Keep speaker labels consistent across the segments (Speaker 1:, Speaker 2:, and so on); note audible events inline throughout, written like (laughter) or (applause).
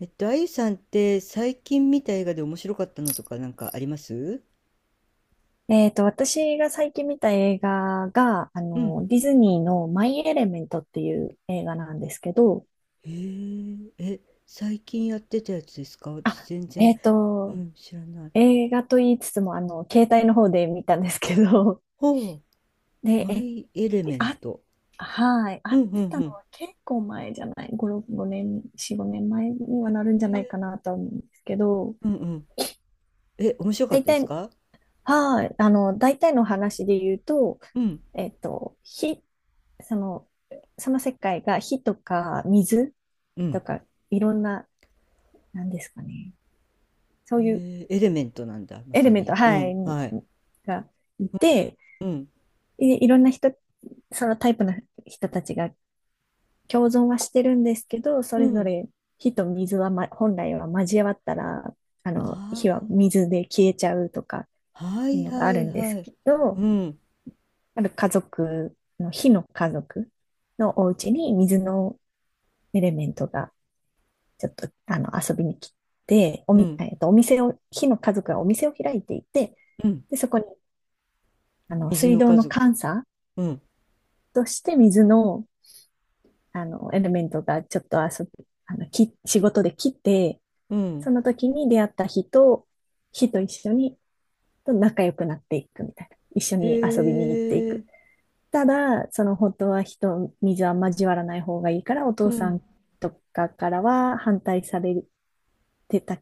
Speaker 1: あゆさんって最近見た映画で面白かったのとかなんかあります？
Speaker 2: 私が最近見た映画が、
Speaker 1: うん。
Speaker 2: ディズニーのマイ・エレメントっていう映画なんですけど、
Speaker 1: へえ、え、最近やってたやつですか？私、
Speaker 2: あ、
Speaker 1: 全然、
Speaker 2: えっ
Speaker 1: う
Speaker 2: と、
Speaker 1: ん、知らない。
Speaker 2: 映画と言いつつも、携帯の方で見たんですけど、
Speaker 1: ほう、
Speaker 2: で、
Speaker 1: マ
Speaker 2: え、
Speaker 1: イ・エレメン
Speaker 2: あ、
Speaker 1: ト。
Speaker 2: はい、
Speaker 1: う
Speaker 2: 会っ
Speaker 1: んうん
Speaker 2: てた
Speaker 1: う
Speaker 2: の
Speaker 1: ん。
Speaker 2: は結構前じゃない、5、6 5年、4、5年前にはなるんじゃ
Speaker 1: へ
Speaker 2: ないか
Speaker 1: え、
Speaker 2: なとは思うんですけど、
Speaker 1: うんうん。え、面白かっ
Speaker 2: 大
Speaker 1: たです
Speaker 2: 体、
Speaker 1: か？
Speaker 2: はい、大体の話で言うと、
Speaker 1: うん、
Speaker 2: えっと、火、その、その世界が火とか水、
Speaker 1: うん。
Speaker 2: とか、いろんな、なんですかね。そういう
Speaker 1: へえ、エレメントなんだ、ま
Speaker 2: エレ
Speaker 1: さ
Speaker 2: メント、
Speaker 1: に。う
Speaker 2: はい、
Speaker 1: ん、はい。
Speaker 2: がいて、
Speaker 1: うん、
Speaker 2: いろんな人、そのタイプの人たちが共存はしてるんですけど、そ
Speaker 1: う
Speaker 2: れぞ
Speaker 1: ん。
Speaker 2: れ火と水は、ま、本来は交わったら、火は
Speaker 1: あ
Speaker 2: 水で消えちゃうとか
Speaker 1: あ、は
Speaker 2: いう
Speaker 1: い
Speaker 2: のが
Speaker 1: は
Speaker 2: ある
Speaker 1: い
Speaker 2: んで
Speaker 1: は
Speaker 2: す
Speaker 1: い。
Speaker 2: けど、
Speaker 1: うん、
Speaker 2: ある家族の、火の家族のお家に水のエレメントがちょっと遊びに来て、お
Speaker 1: う
Speaker 2: み、
Speaker 1: ん、
Speaker 2: えっと、お店を、火の家族がお店を開いていて、
Speaker 1: うん。
Speaker 2: で、そこに、
Speaker 1: 水
Speaker 2: 水
Speaker 1: の
Speaker 2: 道
Speaker 1: 家
Speaker 2: の
Speaker 1: 族。
Speaker 2: 監査
Speaker 1: うん、
Speaker 2: として水の、エレメントがちょっと遊び、あの、き、仕事で来て、
Speaker 1: う
Speaker 2: そ
Speaker 1: ん。
Speaker 2: の時に出会った日と一緒に、と仲良くなっていくみたいな。一緒
Speaker 1: へ
Speaker 2: に遊びに行ってい
Speaker 1: え。
Speaker 2: く。ただ、その本当は火と水は交わらない方がいいから、お
Speaker 1: う
Speaker 2: 父さ
Speaker 1: ん、
Speaker 2: んとかからは反対されてた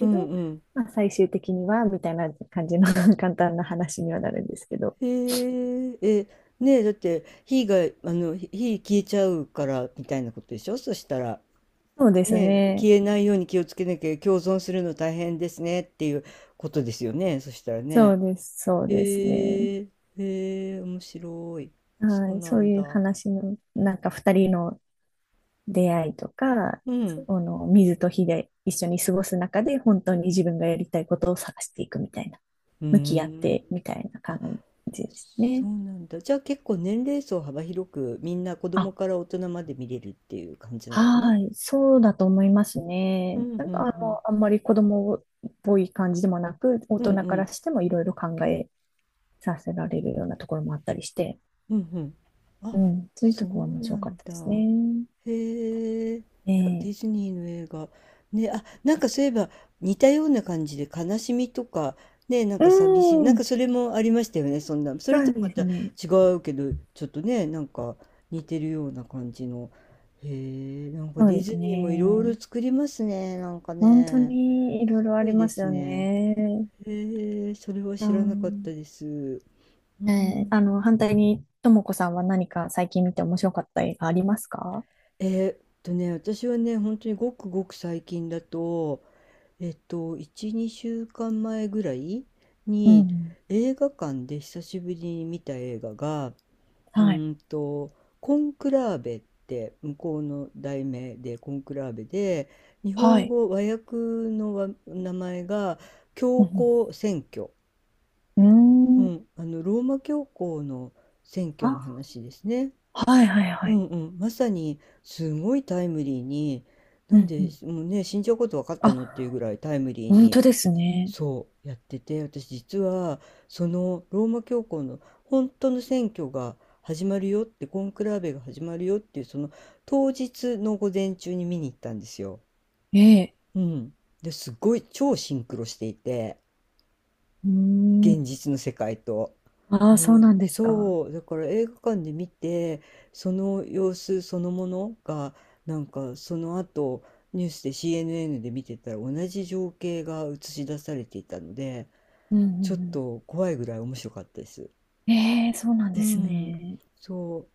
Speaker 1: うん
Speaker 2: ど、
Speaker 1: うん、
Speaker 2: まあ、最終的には、みたいな感じの (laughs) 簡単な話にはなるんですけど。
Speaker 1: へええ。ねえ、だって火が火消えちゃうからみたいなことでしょ？そしたら
Speaker 2: そうです
Speaker 1: ね、え
Speaker 2: ね。
Speaker 1: 消えないように気をつけなきゃ、共存するの大変ですねっていうことですよね、そしたら
Speaker 2: そ
Speaker 1: ね。
Speaker 2: うです、そうですね。
Speaker 1: へえ。へえ、面白い。そう
Speaker 2: はい、
Speaker 1: な
Speaker 2: そう
Speaker 1: ん
Speaker 2: いう
Speaker 1: だ。
Speaker 2: 話の、なんか二人の出会いとか、
Speaker 1: うん、
Speaker 2: その水と火で一緒に過ごす中で、本当に自分がやりたいことを探していくみたいな、
Speaker 1: うー
Speaker 2: 向き合っ
Speaker 1: ん。
Speaker 2: てみたいな感
Speaker 1: あ、
Speaker 2: じです
Speaker 1: そ
Speaker 2: ね。
Speaker 1: うなんだ。じゃあ結構年齢層幅広くみんな子供
Speaker 2: あ、
Speaker 1: から大人まで見れるっていう感じなのかな？
Speaker 2: はい、そうだと思います
Speaker 1: う
Speaker 2: ね。
Speaker 1: ん
Speaker 2: なん
Speaker 1: う
Speaker 2: か
Speaker 1: ん
Speaker 2: あんまり子供っぽい感じでもなく、大
Speaker 1: うん
Speaker 2: 人
Speaker 1: う
Speaker 2: から
Speaker 1: ん
Speaker 2: してもいろいろ考えさせられるようなところもあったりして、
Speaker 1: うんうん。あ、
Speaker 2: うん、そういう
Speaker 1: そ
Speaker 2: と
Speaker 1: う
Speaker 2: ころが面
Speaker 1: な
Speaker 2: 白かっ
Speaker 1: ん
Speaker 2: たで
Speaker 1: だ。
Speaker 2: すね。
Speaker 1: へえ。いや、ディ
Speaker 2: ええ
Speaker 1: ズニーの映画。ね、あ、なんかそういえば似たような感じで悲しみとか、ね、なん
Speaker 2: う
Speaker 1: か寂しい。なんか
Speaker 2: ん、
Speaker 1: それもありましたよね、そんな。そ
Speaker 2: そ
Speaker 1: れと
Speaker 2: う
Speaker 1: ま
Speaker 2: です
Speaker 1: た違
Speaker 2: ね。
Speaker 1: うけど、ちょっとね、なんか似てるような感じの。へえ、なんか
Speaker 2: そう
Speaker 1: ディ
Speaker 2: です
Speaker 1: ズニーもいろい
Speaker 2: ね。
Speaker 1: ろ作りますね、なんか
Speaker 2: 本当
Speaker 1: ね。
Speaker 2: にいろい
Speaker 1: す
Speaker 2: ろあ
Speaker 1: ご
Speaker 2: り
Speaker 1: いで
Speaker 2: ます
Speaker 1: す
Speaker 2: よ
Speaker 1: ね。
Speaker 2: ね。
Speaker 1: へえ、それは
Speaker 2: う
Speaker 1: 知らなかっ
Speaker 2: ん。
Speaker 1: たです。うん。
Speaker 2: 反対に、ともこさんは何か最近見て面白かった映画ありますか？
Speaker 1: えーっね、私はね、本当にごくごく最近だと、1、2週間前ぐらい
Speaker 2: う
Speaker 1: に
Speaker 2: ん。
Speaker 1: 映画館で久しぶりに見た映画が、う
Speaker 2: はい。
Speaker 1: ーんと、コンクラーベって向こうの題名でコンクラーベで、日
Speaker 2: は
Speaker 1: 本
Speaker 2: い。
Speaker 1: 語和訳のわ名前が
Speaker 2: う
Speaker 1: 教
Speaker 2: ん。
Speaker 1: 皇選挙。
Speaker 2: う
Speaker 1: う
Speaker 2: んうーん。
Speaker 1: ん、あの、ローマ教皇の選挙
Speaker 2: あ、
Speaker 1: の話ですね。
Speaker 2: はいはいは
Speaker 1: う
Speaker 2: い。
Speaker 1: んうん、まさにすごいタイムリーに、な
Speaker 2: う
Speaker 1: ん
Speaker 2: んう
Speaker 1: で
Speaker 2: ん。
Speaker 1: もうね、死んじゃうこと分かったのっていう
Speaker 2: あ、
Speaker 1: ぐらいタイムリー
Speaker 2: 本
Speaker 1: に
Speaker 2: 当ですね。
Speaker 1: そうやってて、私実はそのローマ教皇の本当の選挙が始まるよって、コンクラーベが始まるよっていうその当日の午前中に見に行ったんですよ。
Speaker 2: ええ。
Speaker 1: うん。で、すっごい超シンクロしていて、
Speaker 2: うー
Speaker 1: 現
Speaker 2: ん。
Speaker 1: 実の世界と。
Speaker 2: あ
Speaker 1: う
Speaker 2: あ、そうなん
Speaker 1: ん、
Speaker 2: ですか。
Speaker 1: そうだから映画館で見てその様子そのものがなんかその後ニュースで CNN で見てたら同じ情景が映し出されていたので、
Speaker 2: うんう
Speaker 1: ちょっ
Speaker 2: んう
Speaker 1: と怖いぐらい面白かったです。
Speaker 2: ん。ええ、そうなん
Speaker 1: う
Speaker 2: です
Speaker 1: ん、
Speaker 2: ね。
Speaker 1: そ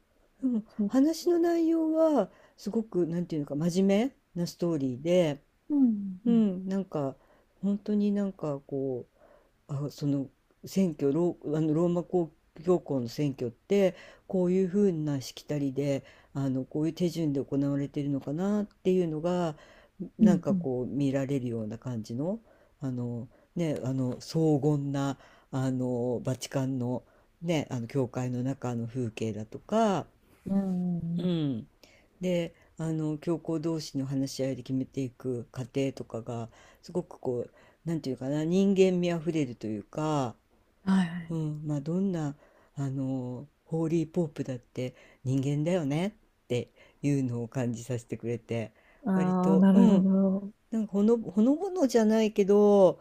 Speaker 1: う。でも
Speaker 2: そう。
Speaker 1: 話の内容はすごくなんていうのか真面目なストーリーで、
Speaker 2: うん
Speaker 1: う
Speaker 2: うん
Speaker 1: ん、なんか本当になんかその選挙ロー、あのローマ公教皇の選挙ってこういうふうなしきたりでこういう手順で行われているのかなっていうのが
Speaker 2: う
Speaker 1: なん
Speaker 2: ん。
Speaker 1: か
Speaker 2: うん
Speaker 1: こう見られるような感じの、あのね、あの荘厳なあのバチカンのね、あの教会の中の風景だとか。
Speaker 2: うん。うんう
Speaker 1: う
Speaker 2: んうん。
Speaker 1: ん。で、教皇同士の話し合いで決めていく過程とかが、すごくこう、なんていうかな、人間味あふれるというか、
Speaker 2: はいはい。
Speaker 1: うん、まあ、どんな、ホーリーポープだって人間だよねっていうのを感じさせてくれて、
Speaker 2: あ
Speaker 1: 割
Speaker 2: あ、
Speaker 1: と、
Speaker 2: な
Speaker 1: う
Speaker 2: るほ
Speaker 1: ん、
Speaker 2: ど。
Speaker 1: なんかほのぼのじゃないけど、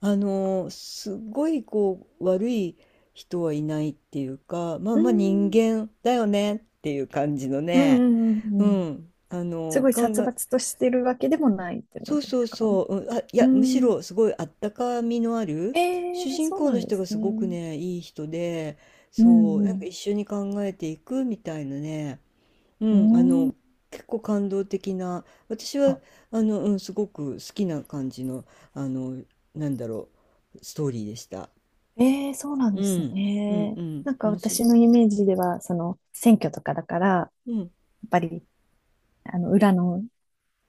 Speaker 1: すごいこう、悪い人はいないっていうか、まあ
Speaker 2: う
Speaker 1: まあ人
Speaker 2: ん。
Speaker 1: 間だよねっていう感じの
Speaker 2: うん
Speaker 1: ね、
Speaker 2: うんうん
Speaker 1: う
Speaker 2: うん。
Speaker 1: ん、
Speaker 2: すごい
Speaker 1: 考
Speaker 2: 殺
Speaker 1: え、
Speaker 2: 伐としてるわけでもないってこと
Speaker 1: そう
Speaker 2: で
Speaker 1: そ
Speaker 2: す
Speaker 1: う
Speaker 2: か？
Speaker 1: そう、うん、あ、い
Speaker 2: う
Speaker 1: や、むし
Speaker 2: ん。
Speaker 1: ろすごいあったかみのある、
Speaker 2: え
Speaker 1: 主
Speaker 2: え
Speaker 1: 人
Speaker 2: そう
Speaker 1: 公
Speaker 2: な
Speaker 1: の
Speaker 2: んで
Speaker 1: 人
Speaker 2: す
Speaker 1: がすごく
Speaker 2: ね。
Speaker 1: ね、いい人で、
Speaker 2: う
Speaker 1: そう、なんか
Speaker 2: ん
Speaker 1: 一緒に考えていくみたいなね、う
Speaker 2: う
Speaker 1: ん、
Speaker 2: ん。うん。
Speaker 1: 結構感動的な、私は、
Speaker 2: あ、
Speaker 1: うん、すごく好きな感じの、あの、なんだろう、ストーリーでした。
Speaker 2: ええそうなん
Speaker 1: う
Speaker 2: です
Speaker 1: ん、うん、
Speaker 2: ね。
Speaker 1: うん、
Speaker 2: なんか
Speaker 1: 面白い。
Speaker 2: 私のイメージでは、その、選挙とかだから、や
Speaker 1: うん、
Speaker 2: っぱり、裏の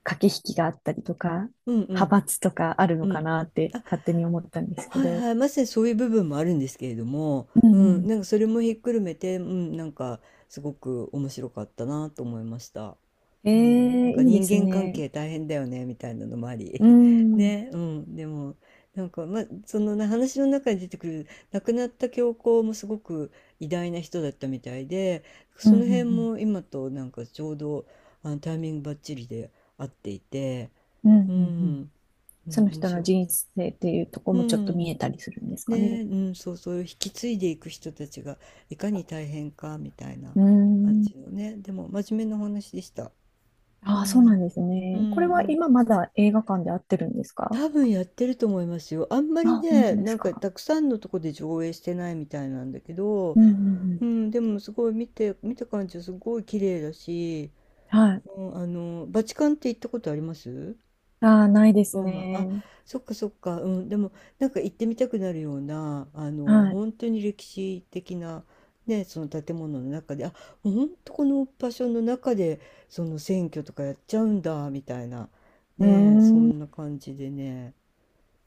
Speaker 2: 駆け引きがあったりとか、
Speaker 1: うん、う
Speaker 2: 派
Speaker 1: ん、
Speaker 2: 閥とかある
Speaker 1: う
Speaker 2: のか
Speaker 1: ん。
Speaker 2: なって
Speaker 1: あ、
Speaker 2: 勝手に思ったんですけ
Speaker 1: はい
Speaker 2: ど。
Speaker 1: はい、まさにそういう部分もあるんですけれども、
Speaker 2: う
Speaker 1: う
Speaker 2: ん
Speaker 1: ん、
Speaker 2: う
Speaker 1: なんかそれもひっくるめて、うん、なんかすごく面白かったなと思いました。
Speaker 2: ん。え
Speaker 1: うん、なん
Speaker 2: え
Speaker 1: か
Speaker 2: いいで
Speaker 1: 人
Speaker 2: す
Speaker 1: 間関
Speaker 2: ね。
Speaker 1: 係大変だよねみたいなのもあり
Speaker 2: う
Speaker 1: (laughs)
Speaker 2: ん。
Speaker 1: ね、うん、でもなんか、ま、そのな話の中に出てくる亡くなった教皇もすごく偉大な人だったみたいで、
Speaker 2: うん
Speaker 1: そ
Speaker 2: う
Speaker 1: の辺
Speaker 2: ん
Speaker 1: も今となんかちょうどあのタイミングばっちりで合っていて、
Speaker 2: うん。うんう
Speaker 1: う
Speaker 2: んうん。
Speaker 1: ん、う
Speaker 2: そ
Speaker 1: ん、
Speaker 2: の
Speaker 1: 面
Speaker 2: 人の
Speaker 1: 白い。
Speaker 2: 人生っていうとこ
Speaker 1: う
Speaker 2: もちょっと
Speaker 1: ん
Speaker 2: 見えたりするんですか
Speaker 1: ね、
Speaker 2: ね？
Speaker 1: うん、そうそういう引き継いでいく人たちがいかに大変かみたいな
Speaker 2: うー
Speaker 1: 感
Speaker 2: ん。
Speaker 1: じのね、でも真面目なお話でした。う
Speaker 2: ああ、そうな
Speaker 1: ん、
Speaker 2: んです
Speaker 1: う
Speaker 2: ね。これは
Speaker 1: ん、
Speaker 2: 今まだ映画館で合ってるんですか？
Speaker 1: 多分やってると思いますよ。あんまり
Speaker 2: あ、本
Speaker 1: ね、
Speaker 2: 当で
Speaker 1: な
Speaker 2: す
Speaker 1: んか
Speaker 2: か。
Speaker 1: たくさんのとこで上映してないみたいなんだけど、
Speaker 2: うんうんう
Speaker 1: う
Speaker 2: ん。
Speaker 1: ん、でもすごい見た感じはすごい綺麗だし、
Speaker 2: はい。
Speaker 1: うん、バチカンって行ったことあります？
Speaker 2: ああ、ないです
Speaker 1: ローマ。あ、
Speaker 2: ね。
Speaker 1: そっかそっか、うん、でもなんか行ってみたくなるような、
Speaker 2: はい。
Speaker 1: 本当に歴史的な、ね、その建物の中で、あ、もう本当この場所の中で、その選挙とかやっちゃうんだ、みたいな、
Speaker 2: うー
Speaker 1: ね、そんな
Speaker 2: ん。
Speaker 1: 感じでね。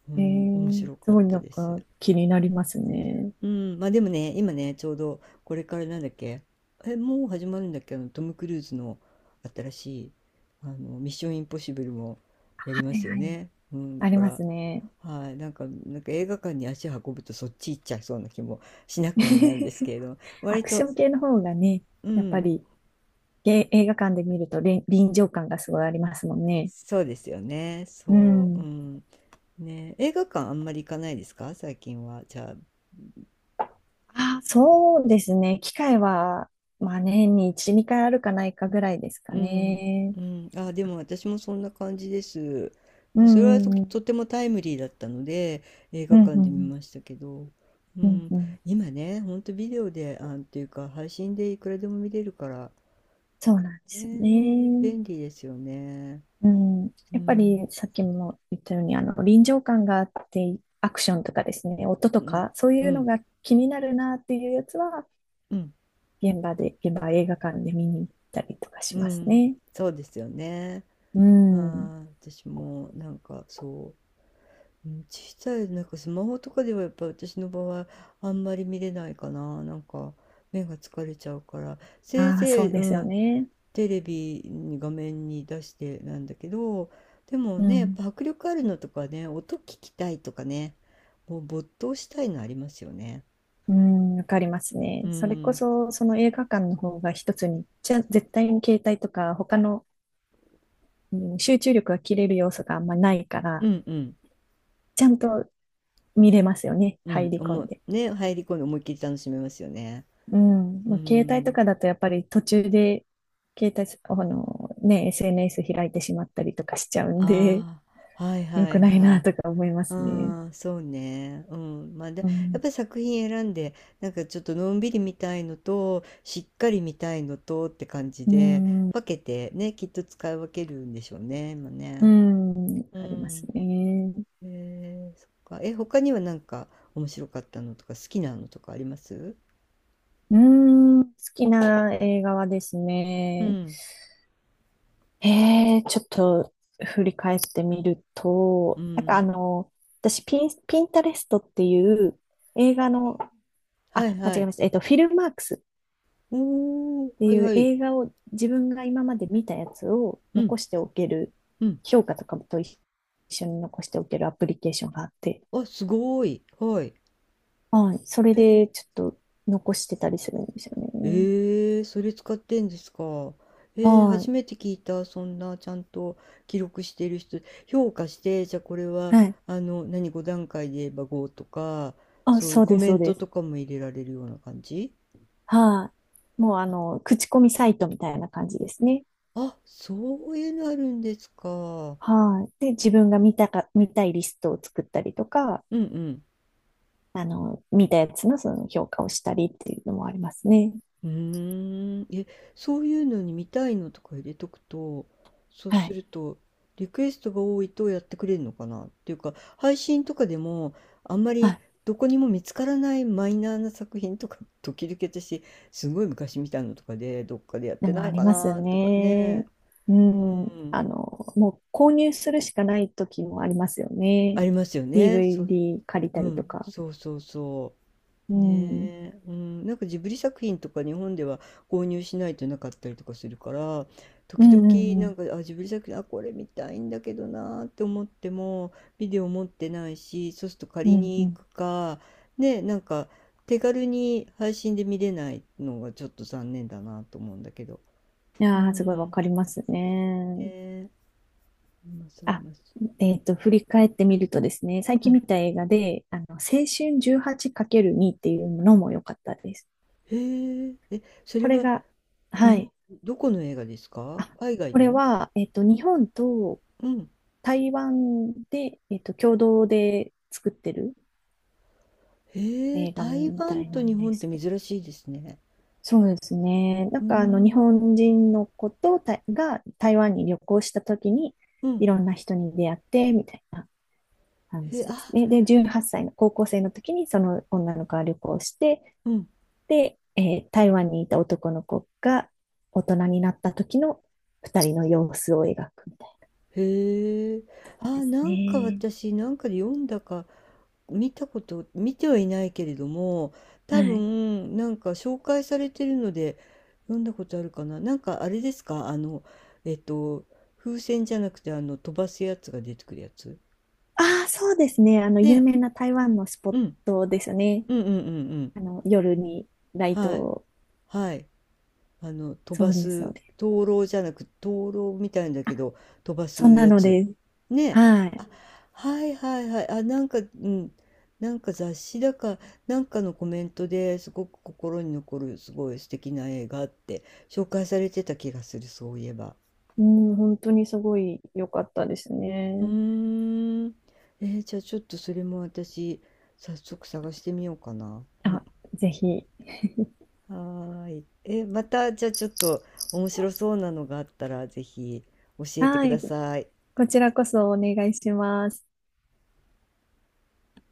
Speaker 1: うん、面白
Speaker 2: す
Speaker 1: かっ
Speaker 2: ごい
Speaker 1: た
Speaker 2: なん
Speaker 1: で
Speaker 2: か
Speaker 1: す。
Speaker 2: 気になりますね。
Speaker 1: うん、まあでもね、今ね、ちょうどこれからなんだっけ、え、もう始まるんだっけ、あのトム・クルーズの新しい、あの、ミッション・インポッシブルもやり
Speaker 2: は
Speaker 1: ま
Speaker 2: い
Speaker 1: すよ
Speaker 2: はい。
Speaker 1: ね。うん、だ
Speaker 2: あり
Speaker 1: か
Speaker 2: ま
Speaker 1: ら、
Speaker 2: すね。
Speaker 1: はい、なんか、映画館に足を運ぶとそっち行っちゃいそうな気もしなくもないんです
Speaker 2: (laughs)
Speaker 1: けれど、
Speaker 2: ア
Speaker 1: 割
Speaker 2: クシ
Speaker 1: と、
Speaker 2: ョン系の方がね、
Speaker 1: う
Speaker 2: やっぱ
Speaker 1: ん、
Speaker 2: り映画館で見ると臨場感がすごいありますもんね。
Speaker 1: そうですよね、
Speaker 2: う
Speaker 1: そう、う
Speaker 2: ん。
Speaker 1: ん、ね、映画館あんまり行かないですか、最近は。じゃあ、
Speaker 2: あ、そうですね。機会は、まあ年に1、2回あるかないかぐらいですか
Speaker 1: うん、
Speaker 2: ね。
Speaker 1: うん、あ、でも私もそんな感じです。
Speaker 2: う
Speaker 1: それは
Speaker 2: ん、う
Speaker 1: と
Speaker 2: ん、
Speaker 1: てもタイムリーだったので映
Speaker 2: う
Speaker 1: 画
Speaker 2: ん、
Speaker 1: 館
Speaker 2: う
Speaker 1: で見
Speaker 2: ん、
Speaker 1: ましたけど、う
Speaker 2: うん、
Speaker 1: ん、
Speaker 2: うん。
Speaker 1: 今ね、ほんとビデオで、あ、っていうか配信でいくらでも見れるから、
Speaker 2: そうなんで
Speaker 1: ね
Speaker 2: すよ
Speaker 1: え、
Speaker 2: ね。
Speaker 1: 便利ですよね。
Speaker 2: うん。
Speaker 1: う
Speaker 2: やっぱり
Speaker 1: ん、
Speaker 2: さっきも言ったように、臨場感があって、アクションとかですね、音と
Speaker 1: うん、
Speaker 2: か、そう
Speaker 1: う
Speaker 2: いうの
Speaker 1: ん、
Speaker 2: が気になるなっていうやつは、
Speaker 1: うん、
Speaker 2: 現場映画館で見に行ったりとかし
Speaker 1: う
Speaker 2: ます
Speaker 1: ん、
Speaker 2: ね。
Speaker 1: そうですよね。
Speaker 2: うん。
Speaker 1: はい、私もなんかそう。うん、小さいなんかスマホとかではやっぱ私の場合あんまり見れないかな。なんか目が疲れちゃうから、せい
Speaker 2: ああ、そ
Speaker 1: ぜ
Speaker 2: う
Speaker 1: い、
Speaker 2: で
Speaker 1: う
Speaker 2: すよ
Speaker 1: ん、
Speaker 2: ね。
Speaker 1: テレビに画面に出してなんだけど、でも
Speaker 2: う
Speaker 1: ね、やっ
Speaker 2: ん。
Speaker 1: ぱ迫力あるのとかね、音聞きたいとかね、もう没頭したいのありますよね。
Speaker 2: うん、わかります
Speaker 1: う
Speaker 2: ね。それこ
Speaker 1: ん、
Speaker 2: そ、その映画館の方が一つに、じゃ、絶対に携帯とか他の、うん、集中力が切れる要素があんまないか
Speaker 1: う
Speaker 2: ら、
Speaker 1: んうん、
Speaker 2: ちゃんと見れますよね。
Speaker 1: う
Speaker 2: 入
Speaker 1: ん、
Speaker 2: り込んで。
Speaker 1: ね、入り込んで思いっきり楽しめますよね。
Speaker 2: うん。
Speaker 1: う
Speaker 2: まあ、携帯と
Speaker 1: ん、
Speaker 2: かだとやっぱり途中で、携帯す、あの、ね、SNS 開いてしまったりとかしちゃうんで、
Speaker 1: ああ、はい
Speaker 2: (laughs) 良
Speaker 1: は
Speaker 2: く
Speaker 1: い
Speaker 2: ない
Speaker 1: は
Speaker 2: な
Speaker 1: い。
Speaker 2: とか思いますね。
Speaker 1: ああ、そうね。うん。まあ、で、
Speaker 2: う
Speaker 1: やっ
Speaker 2: ん。
Speaker 1: ぱり作品選んで、なんかちょっとのんびり見たいのと、しっかり見たいのとって感じ
Speaker 2: う
Speaker 1: で、
Speaker 2: ん。
Speaker 1: 分けてね、きっと使い分けるんでしょうね、今
Speaker 2: う
Speaker 1: ね。
Speaker 2: ん。わ
Speaker 1: う
Speaker 2: かります
Speaker 1: ん。
Speaker 2: ね。
Speaker 1: えそっか。え、他にはなんか面白かったのとか、好きなのとかあります？
Speaker 2: うん。好きな映画はです
Speaker 1: う
Speaker 2: ね、
Speaker 1: ん。
Speaker 2: ちょっと振り返ってみる
Speaker 1: う
Speaker 2: と、なんか
Speaker 1: ん。
Speaker 2: 私ピン、ピンタレストっていう映画の、
Speaker 1: はい
Speaker 2: あ、間違
Speaker 1: は
Speaker 2: え
Speaker 1: い。
Speaker 2: ました。フィルマークスっ
Speaker 1: おー、
Speaker 2: て
Speaker 1: はい
Speaker 2: いう
Speaker 1: はい。
Speaker 2: 映画を自分が今まで見たやつを
Speaker 1: うん、
Speaker 2: 残しておける、
Speaker 1: うん。
Speaker 2: 評価とかと一緒に残しておけるアプリケーションがあって、
Speaker 1: あ、すごい。はい。
Speaker 2: はい、それでちょっと残してたりするんですよね。
Speaker 1: ええ、それ使ってんですか？ええ、初
Speaker 2: は
Speaker 1: めて聞いた。そんなちゃんと記録している人、評価して、じゃあこれ
Speaker 2: い、
Speaker 1: は、
Speaker 2: はい。
Speaker 1: 何、5段階で言えば5とか、
Speaker 2: あ、
Speaker 1: そういう
Speaker 2: そう
Speaker 1: コ
Speaker 2: です、
Speaker 1: メ
Speaker 2: そ
Speaker 1: ン
Speaker 2: う
Speaker 1: ト
Speaker 2: です。
Speaker 1: とかも入れられるような感じ？
Speaker 2: はい。もう口コミサイトみたいな感じですね。
Speaker 1: あ、そういうのあるんですか？
Speaker 2: はい。で、自分が見たか、見たいリストを作ったりとか、
Speaker 1: うんうん。
Speaker 2: 見たやつのその評価をしたりっていうのもありますね。
Speaker 1: うーん、え、そういうのに見たいのとか入れとくと、そう
Speaker 2: は
Speaker 1: す
Speaker 2: い。
Speaker 1: ると、リクエストが多いとやってくれるのかなっていうか、配信とかでも、あんまり
Speaker 2: あ、
Speaker 1: どこにも見つからないマイナーな作品とか、(laughs) 時々私、すごい昔見たのとかで、どっかでやっ
Speaker 2: で
Speaker 1: て
Speaker 2: も
Speaker 1: な
Speaker 2: あ
Speaker 1: い
Speaker 2: り
Speaker 1: か
Speaker 2: ます
Speaker 1: なとかね、
Speaker 2: ね。う
Speaker 1: う
Speaker 2: ん。
Speaker 1: ん、
Speaker 2: もう購入するしかない時もありますよ
Speaker 1: あ
Speaker 2: ね。
Speaker 1: りますよね。そう、
Speaker 2: DVD 借りた
Speaker 1: う
Speaker 2: りと
Speaker 1: ん、
Speaker 2: か。
Speaker 1: そうそうそ
Speaker 2: う
Speaker 1: う。
Speaker 2: ん。
Speaker 1: ねえ、うん、なんかジブリ作品とか日本では購入しないとなかったりとかするから、
Speaker 2: う
Speaker 1: 時
Speaker 2: んう
Speaker 1: 々
Speaker 2: んう
Speaker 1: な
Speaker 2: ん。
Speaker 1: んか、あ、ジブリ作品、あ、これ見たいんだけどなーって思ってもビデオ持ってないし、そうすると
Speaker 2: う
Speaker 1: 借り
Speaker 2: んう
Speaker 1: に行
Speaker 2: ん。
Speaker 1: くかね、なんか手軽に配信で見れないのがちょっと残念だなと思うんだけど。
Speaker 2: い
Speaker 1: う
Speaker 2: やー、すごいわ
Speaker 1: ん。ね
Speaker 2: かりますね。
Speaker 1: え、今され
Speaker 2: あ、
Speaker 1: ます？
Speaker 2: 振り返ってみるとですね、最
Speaker 1: う
Speaker 2: 近
Speaker 1: ん。
Speaker 2: 見た映画で、青春 18×2 っていうのも良かったです。
Speaker 1: へええ、そ
Speaker 2: こ
Speaker 1: れ
Speaker 2: れ
Speaker 1: は
Speaker 2: が、
Speaker 1: 日
Speaker 2: は
Speaker 1: 本、
Speaker 2: い。
Speaker 1: どこの映画ですか、
Speaker 2: あ、
Speaker 1: 海外
Speaker 2: これ
Speaker 1: の？
Speaker 2: は、日本と
Speaker 1: うん。
Speaker 2: 台湾で、共同で作ってる
Speaker 1: へえ、
Speaker 2: 映画
Speaker 1: 台
Speaker 2: みた
Speaker 1: 湾
Speaker 2: い
Speaker 1: と
Speaker 2: なん
Speaker 1: 日
Speaker 2: で
Speaker 1: 本って
Speaker 2: すけど。
Speaker 1: 珍しいですね。
Speaker 2: そうですね。な
Speaker 1: う
Speaker 2: ん
Speaker 1: ー
Speaker 2: か、日
Speaker 1: ん。
Speaker 2: 本人の子とたが台湾に旅行した時に、
Speaker 1: うん。
Speaker 2: いろんな人に出会って、みたいな。話
Speaker 1: へ、
Speaker 2: です
Speaker 1: あ、
Speaker 2: ね。で、18歳の高校生の時にその女の子は旅行して、
Speaker 1: うん。
Speaker 2: で、台湾にいた男の子が大人になった時の二人の様子を描くみたい
Speaker 1: へえ。
Speaker 2: なで
Speaker 1: あ、
Speaker 2: す
Speaker 1: なんか
Speaker 2: ね。
Speaker 1: 私、なんかで読んだか、見たこと、見てはいないけれども、多
Speaker 2: はい。
Speaker 1: 分、なんか紹介されてるので、読んだことあるかな。なんかあれですか、えっと、風船じゃなくて、あの、飛ばすやつが出てくるやつ。
Speaker 2: ああ、そうですね。有
Speaker 1: ね。
Speaker 2: 名な台湾のスポ
Speaker 1: う
Speaker 2: ッ
Speaker 1: ん。
Speaker 2: トですよね。
Speaker 1: うんうんうんうん。
Speaker 2: 夜にライト
Speaker 1: はい。
Speaker 2: を。
Speaker 1: はい。あの飛
Speaker 2: そ
Speaker 1: ば
Speaker 2: うです、そ
Speaker 1: す
Speaker 2: うです。
Speaker 1: 灯籠じゃなく、灯籠みたいんだ
Speaker 2: あ、
Speaker 1: けど、飛ば
Speaker 2: そん
Speaker 1: す
Speaker 2: な
Speaker 1: や
Speaker 2: の
Speaker 1: つ
Speaker 2: です。
Speaker 1: ね。
Speaker 2: はい。
Speaker 1: あ、はいはいはい。あ、なんか、うん、なんか雑誌だかなんかのコメントですごく心に残るすごい素敵な映画って紹介されてた気がする、そういえば。
Speaker 2: うん、本当にすごい良かったです
Speaker 1: う
Speaker 2: ね。
Speaker 1: ーん。じゃあちょっとそれも私、早速探してみようかな。
Speaker 2: あ、ぜひ。
Speaker 1: はーい。え、また、じゃあちょっと面白そうなのがあったら、ぜひ教えて
Speaker 2: は
Speaker 1: くだ
Speaker 2: い。
Speaker 1: さい。
Speaker 2: こちらこそお願いします。